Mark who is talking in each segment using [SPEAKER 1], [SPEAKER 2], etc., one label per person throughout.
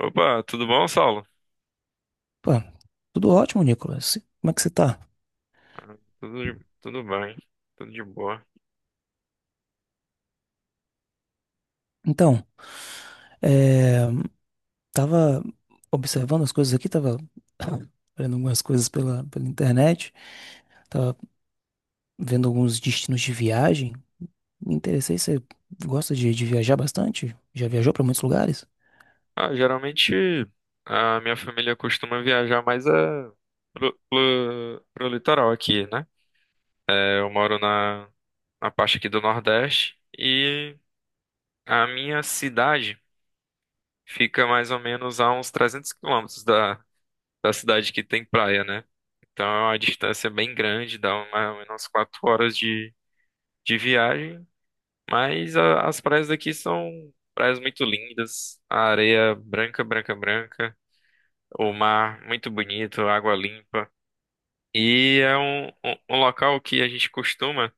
[SPEAKER 1] Opa, tudo bom, Saulo?
[SPEAKER 2] Pô, tudo ótimo, Nicolas. Como é que você tá?
[SPEAKER 1] Ah, tudo, tudo bem, tudo de boa.
[SPEAKER 2] Então, é, tava observando as coisas aqui, tava vendo algumas coisas pela internet, tava vendo alguns destinos de viagem. Me interessei, você gosta de viajar bastante? Já viajou pra muitos lugares?
[SPEAKER 1] Ah, geralmente a minha família costuma viajar mais pro litoral aqui, né? É, eu moro na parte aqui do Nordeste e a minha cidade fica mais ou menos a uns 300 quilômetros da cidade que tem praia, né? Então é uma distância bem grande, dá mais ou menos 4 horas de viagem. Mas as praias daqui são praias muito lindas, a areia branca, branca, branca, o mar muito bonito, água limpa. E é um local que a gente costuma,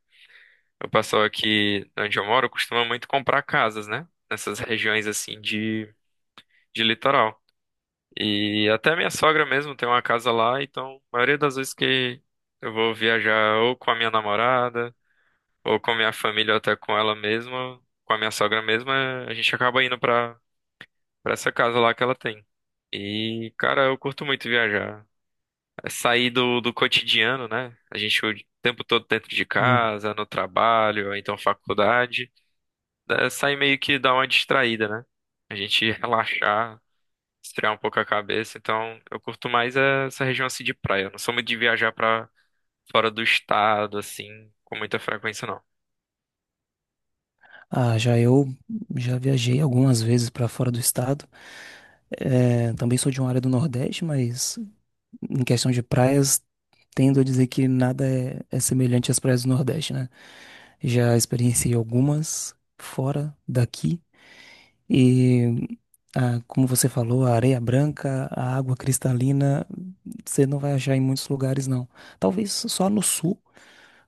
[SPEAKER 1] o pessoal aqui onde eu moro costuma muito comprar casas, né? Nessas regiões assim de litoral. E até minha sogra mesmo tem uma casa lá, então a maioria das vezes que eu vou viajar ou com a minha namorada, ou com a minha família, ou até com ela mesma, com a minha sogra mesma, a gente acaba indo pra essa casa lá que ela tem. E, cara, eu curto muito viajar. É sair do cotidiano, né? A gente o tempo todo dentro de
[SPEAKER 2] Sim.
[SPEAKER 1] casa, no trabalho, ou então faculdade. É sair meio que dar uma distraída, né? A gente relaxar, esfriar um pouco a cabeça. Então, eu curto mais é essa região assim de praia. Eu não sou muito de viajar pra fora do estado, assim, com muita frequência, não.
[SPEAKER 2] Ah, já eu já viajei algumas vezes para fora do estado. É, também sou de uma área do Nordeste, mas em questão de praias, tendo a dizer que nada é semelhante às praias do Nordeste, né? Já experienciei algumas fora daqui. e Ah, como você falou, a areia branca, a água cristalina, você não vai achar em muitos lugares, não. Talvez só no sul,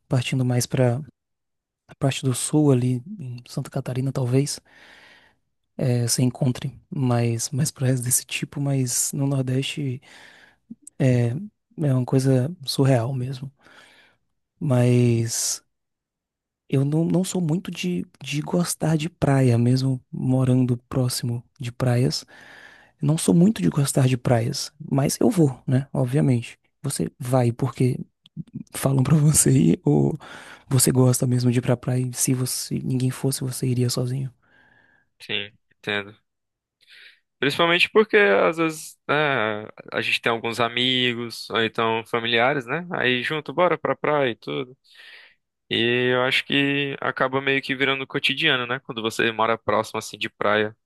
[SPEAKER 2] partindo mais para a parte do sul ali, em Santa Catarina, talvez, você encontre mais praias desse tipo, mas no Nordeste é uma coisa surreal mesmo. Mas eu não sou muito de gostar de praia, mesmo morando próximo de praias. Não sou muito de gostar de praias, mas eu vou, né? Obviamente. Você vai porque falam pra você ir ou você gosta mesmo de ir pra praia? Se você, ninguém fosse, você iria sozinho?
[SPEAKER 1] Sim, entendo. Principalmente porque às vezes, né, a gente tem alguns amigos, ou então familiares, né? Aí junto, bora pra praia e tudo. E eu acho que acaba meio que virando cotidiano, né? Quando você mora próximo assim de praia,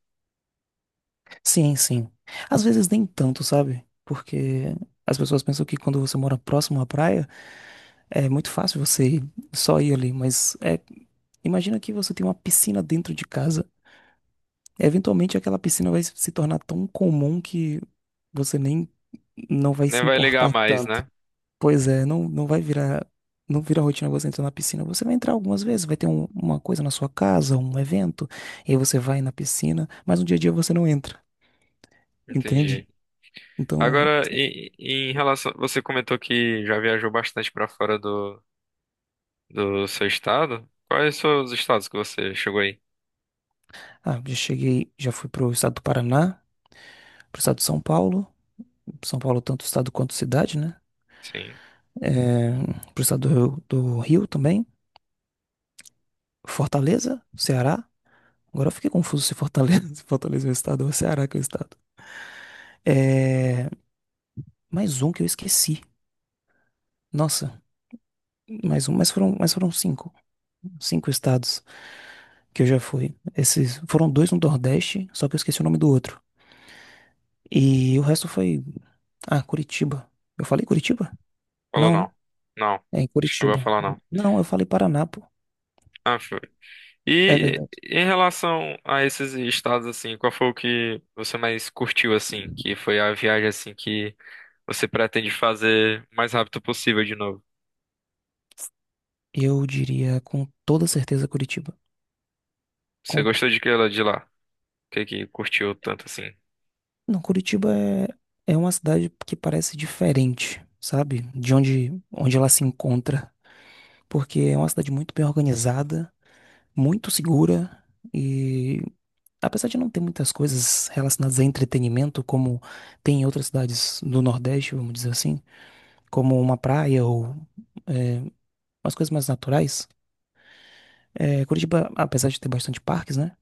[SPEAKER 2] Sim, sim. Às vezes nem tanto, sabe? Porque as pessoas pensam que quando você mora próximo à praia, é muito fácil você só ir ali, mas é, imagina que você tem uma piscina dentro de casa. Eventualmente aquela piscina vai se tornar tão comum que você nem não vai
[SPEAKER 1] nem
[SPEAKER 2] se
[SPEAKER 1] vai ligar
[SPEAKER 2] importar
[SPEAKER 1] mais,
[SPEAKER 2] tanto.
[SPEAKER 1] né?
[SPEAKER 2] Pois é, não vai virar, não vira rotina você entrar na piscina. Você vai entrar algumas vezes, vai ter uma coisa na sua casa, um evento, e aí você vai na piscina, mas no dia a dia você não entra, entende?
[SPEAKER 1] Entendi.
[SPEAKER 2] Então,
[SPEAKER 1] Agora, e em relação, você comentou que já viajou bastante pra fora do seu estado. Quais são os estados que você chegou aí?
[SPEAKER 2] ah, já cheguei, já fui pro estado do Paraná, pro estado de São Paulo, São Paulo tanto estado quanto cidade, né?
[SPEAKER 1] Sim.
[SPEAKER 2] É, pro estado do Rio também, Fortaleza, Ceará. Agora eu fiquei confuso se Fortaleza, se Fortaleza é o estado ou Ceará que é o estado. É, mais um que eu esqueci. Nossa, mais um, mas foram cinco. Cinco estados que eu já fui. Esses foram dois no Nordeste, só que eu esqueci o nome do outro. E o resto foi. Ah, Curitiba. Eu falei Curitiba?
[SPEAKER 1] Falou
[SPEAKER 2] Não, né?
[SPEAKER 1] não. Não.
[SPEAKER 2] É em
[SPEAKER 1] Chegou a
[SPEAKER 2] Curitiba.
[SPEAKER 1] falar não.
[SPEAKER 2] Não, eu falei Paraná, pô.
[SPEAKER 1] Ah, foi.
[SPEAKER 2] É
[SPEAKER 1] E
[SPEAKER 2] verdade.
[SPEAKER 1] em relação a esses estados assim, qual foi o que você mais curtiu assim, que foi a viagem assim que você pretende fazer o mais rápido possível de novo?
[SPEAKER 2] Eu diria com toda certeza Curitiba.
[SPEAKER 1] Você
[SPEAKER 2] Com
[SPEAKER 1] gostou de que ela de lá? O que que curtiu tanto assim?
[SPEAKER 2] Não, Curitiba é uma cidade que parece diferente, sabe? De onde ela se encontra. Porque é uma cidade muito bem organizada, muito segura e, apesar de não ter muitas coisas relacionadas a entretenimento, como tem em outras cidades do Nordeste, vamos dizer assim, como uma praia ou é, umas coisas mais naturais, é, Curitiba, apesar de ter bastante parques, né?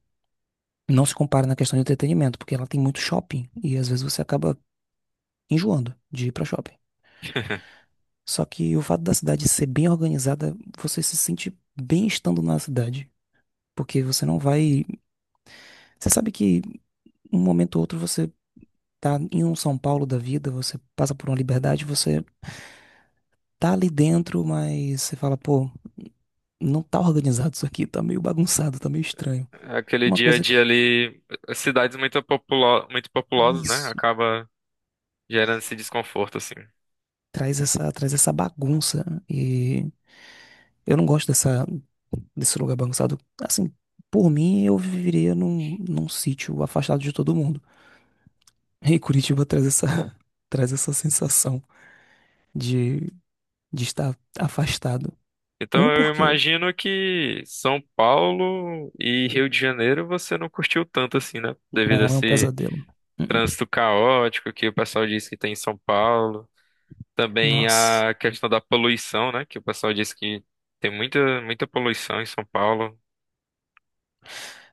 [SPEAKER 2] Não se compara na questão de entretenimento, porque ela tem muito shopping e às vezes você acaba enjoando de ir pra shopping. Só que o fato da cidade ser bem organizada, você se sente bem estando na cidade. Porque você não vai. Você sabe que um momento ou outro você tá em um São Paulo da vida, você passa por uma liberdade, você tá ali dentro, mas você fala, pô, não tá organizado isso aqui, tá meio bagunçado, tá meio estranho.
[SPEAKER 1] Aquele
[SPEAKER 2] Uma
[SPEAKER 1] dia a
[SPEAKER 2] coisa
[SPEAKER 1] dia
[SPEAKER 2] que.
[SPEAKER 1] ali, cidades muito populosas, né?
[SPEAKER 2] Isso.
[SPEAKER 1] Acaba gerando esse desconforto assim.
[SPEAKER 2] Traz essa bagunça. E eu não gosto dessa, desse lugar bagunçado. Assim, por mim, eu viveria num sítio afastado de todo mundo. E Curitiba traz essa, traz essa sensação de, de estar afastado.
[SPEAKER 1] Então
[SPEAKER 2] Um
[SPEAKER 1] eu
[SPEAKER 2] porque
[SPEAKER 1] imagino que São Paulo e Rio de Janeiro você não curtiu tanto assim, né? Devido a
[SPEAKER 2] não é um
[SPEAKER 1] esse
[SPEAKER 2] pesadelo. Uh-uh.
[SPEAKER 1] trânsito caótico que o pessoal diz que tem em São Paulo. Também
[SPEAKER 2] Nossa.
[SPEAKER 1] a questão da poluição, né? Que o pessoal diz que tem muita, muita poluição em São Paulo.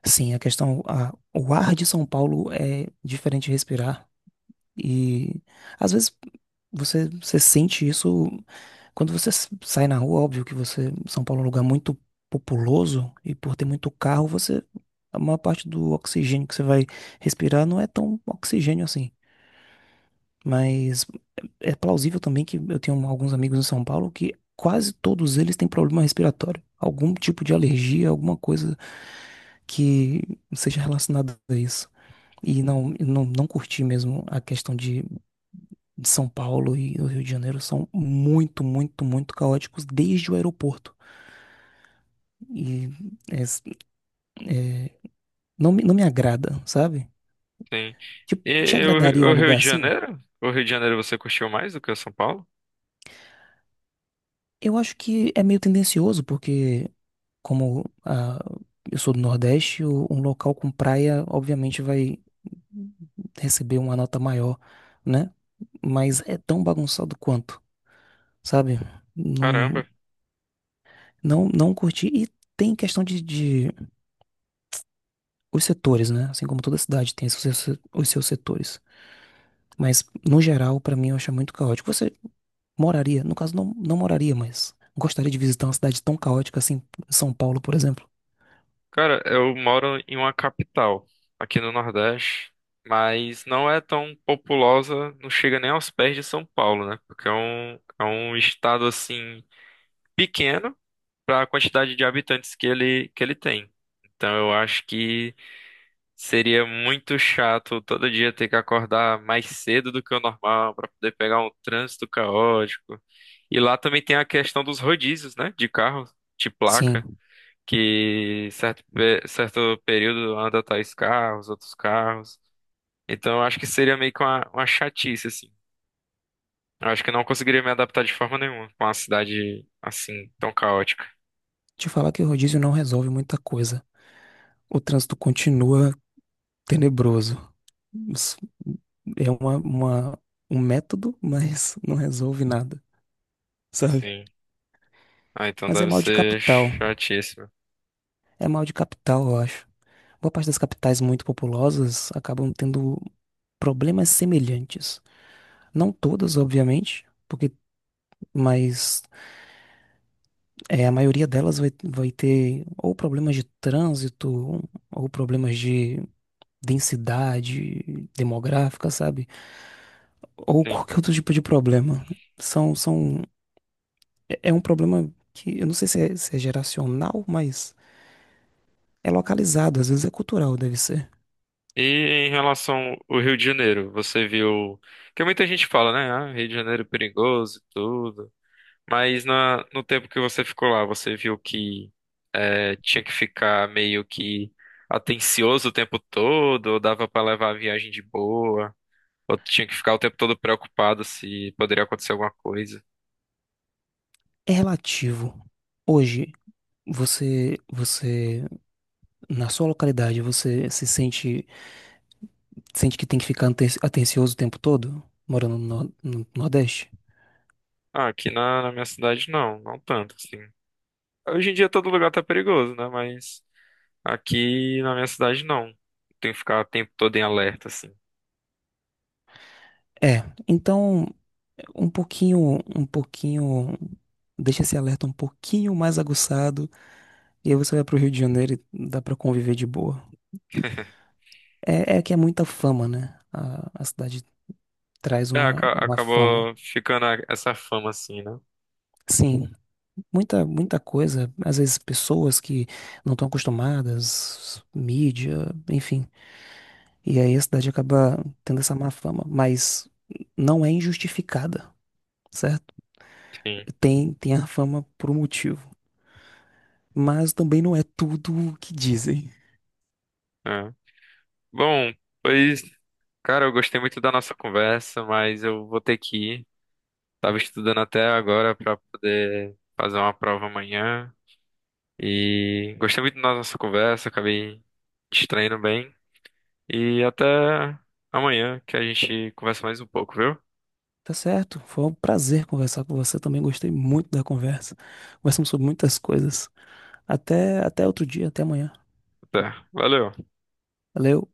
[SPEAKER 2] Sim, o ar de São Paulo é diferente de respirar. E às vezes você sente isso quando você sai na rua, óbvio que você, São Paulo é um lugar muito populoso e por ter muito carro, você, a maior parte do oxigênio que você vai respirar não é tão oxigênio assim. Mas é plausível também que eu tenho alguns amigos em São Paulo que quase todos eles têm problema respiratório, algum tipo de alergia, alguma coisa que seja relacionada a isso. E não, eu não curti mesmo a questão de São Paulo e o Rio de Janeiro são muito, muito, muito caóticos desde o aeroporto. E é, não, não me agrada, sabe?
[SPEAKER 1] Tem.
[SPEAKER 2] Tipo,
[SPEAKER 1] E
[SPEAKER 2] te
[SPEAKER 1] e
[SPEAKER 2] agradaria um
[SPEAKER 1] o Rio
[SPEAKER 2] lugar
[SPEAKER 1] de
[SPEAKER 2] assim?
[SPEAKER 1] Janeiro? O Rio de Janeiro você curtiu mais do que o São Paulo?
[SPEAKER 2] Eu acho que é meio tendencioso, porque como ah, eu sou do Nordeste, um local com praia, obviamente, vai receber uma nota maior, né? Mas é tão bagunçado quanto, sabe? Não,
[SPEAKER 1] Caramba.
[SPEAKER 2] não, não curti. E tem questão de os setores, né? Assim como toda cidade tem os seus setores. Mas, no geral, pra mim, eu acho muito caótico. Você moraria, no caso, não moraria, mas gostaria de visitar uma cidade tão caótica assim, São Paulo, por exemplo?
[SPEAKER 1] Cara, eu moro em uma capital, aqui no Nordeste, mas não é tão populosa, não chega nem aos pés de São Paulo, né? Porque é um estado assim pequeno, para a quantidade de habitantes que ele tem. Então eu acho que seria muito chato todo dia ter que acordar mais cedo do que o normal para poder pegar um trânsito caótico. E lá também tem a questão dos rodízios, né, de carro, de placa,
[SPEAKER 2] Sim,
[SPEAKER 1] que certo período anda tais carros, outros carros. Então eu acho que seria meio que uma chatice, assim. Eu acho que eu não conseguiria me adaptar de forma nenhuma com uma cidade assim tão caótica.
[SPEAKER 2] te falar que o rodízio não resolve muita coisa. O trânsito continua tenebroso. Isso é um método, mas não resolve nada, sabe?
[SPEAKER 1] Sim. Ah, então
[SPEAKER 2] Mas é
[SPEAKER 1] deve
[SPEAKER 2] mal de
[SPEAKER 1] ser
[SPEAKER 2] capital.
[SPEAKER 1] chatíssimo.
[SPEAKER 2] É mal de capital, eu acho. Boa parte das capitais muito populosas acabam tendo problemas semelhantes. Não todas, obviamente, porque, mas é, a maioria delas vai ter ou problemas de trânsito, ou problemas de densidade demográfica, sabe? Ou
[SPEAKER 1] Sim.
[SPEAKER 2] qualquer outro tipo de problema. São, são é é um problema que eu não sei se é geracional, mas é localizado, às vezes é cultural, deve ser.
[SPEAKER 1] E em relação ao Rio de Janeiro, você viu, porque muita gente fala, né? Ah, Rio de Janeiro é perigoso e tudo. Mas na... no tempo que você ficou lá, você viu que é, tinha que ficar meio que atencioso o tempo todo, ou dava pra levar a viagem de boa, ou tinha que ficar o tempo todo preocupado se poderia acontecer alguma coisa.
[SPEAKER 2] É relativo. Hoje, você, na sua localidade, você se sente, sente que tem que ficar atencioso o tempo todo, morando no Nordeste?
[SPEAKER 1] Ah, aqui na minha cidade não, não tanto, assim. Hoje em dia todo lugar tá perigoso, né? Mas, aqui na minha cidade não, tem que ficar o tempo todo em alerta, assim.
[SPEAKER 2] É. Então, um pouquinho, deixa esse alerta um pouquinho mais aguçado, e aí você vai pro Rio de Janeiro e dá pra conviver de boa. É, é que é muita fama, né? A cidade traz
[SPEAKER 1] É,
[SPEAKER 2] uma fama.
[SPEAKER 1] acabou ficando essa fama, assim, né?
[SPEAKER 2] Sim, muita coisa, às vezes pessoas que não estão acostumadas, mídia, enfim. E aí a cidade acaba tendo essa má fama, mas não é injustificada, certo?
[SPEAKER 1] Sim.
[SPEAKER 2] Tem a fama por um motivo, mas também não é tudo o que dizem.
[SPEAKER 1] É. Bom, pois, cara, eu gostei muito da nossa conversa, mas eu vou ter que ir. Tava estudando até agora pra poder fazer uma prova amanhã. E gostei muito da nossa conversa, acabei distraindo bem. E até amanhã que a gente conversa mais um pouco, viu?
[SPEAKER 2] Tá certo? Foi um prazer conversar com você também, gostei muito da conversa. Conversamos sobre muitas coisas. Até outro dia, até amanhã.
[SPEAKER 1] Até. Valeu.
[SPEAKER 2] Valeu.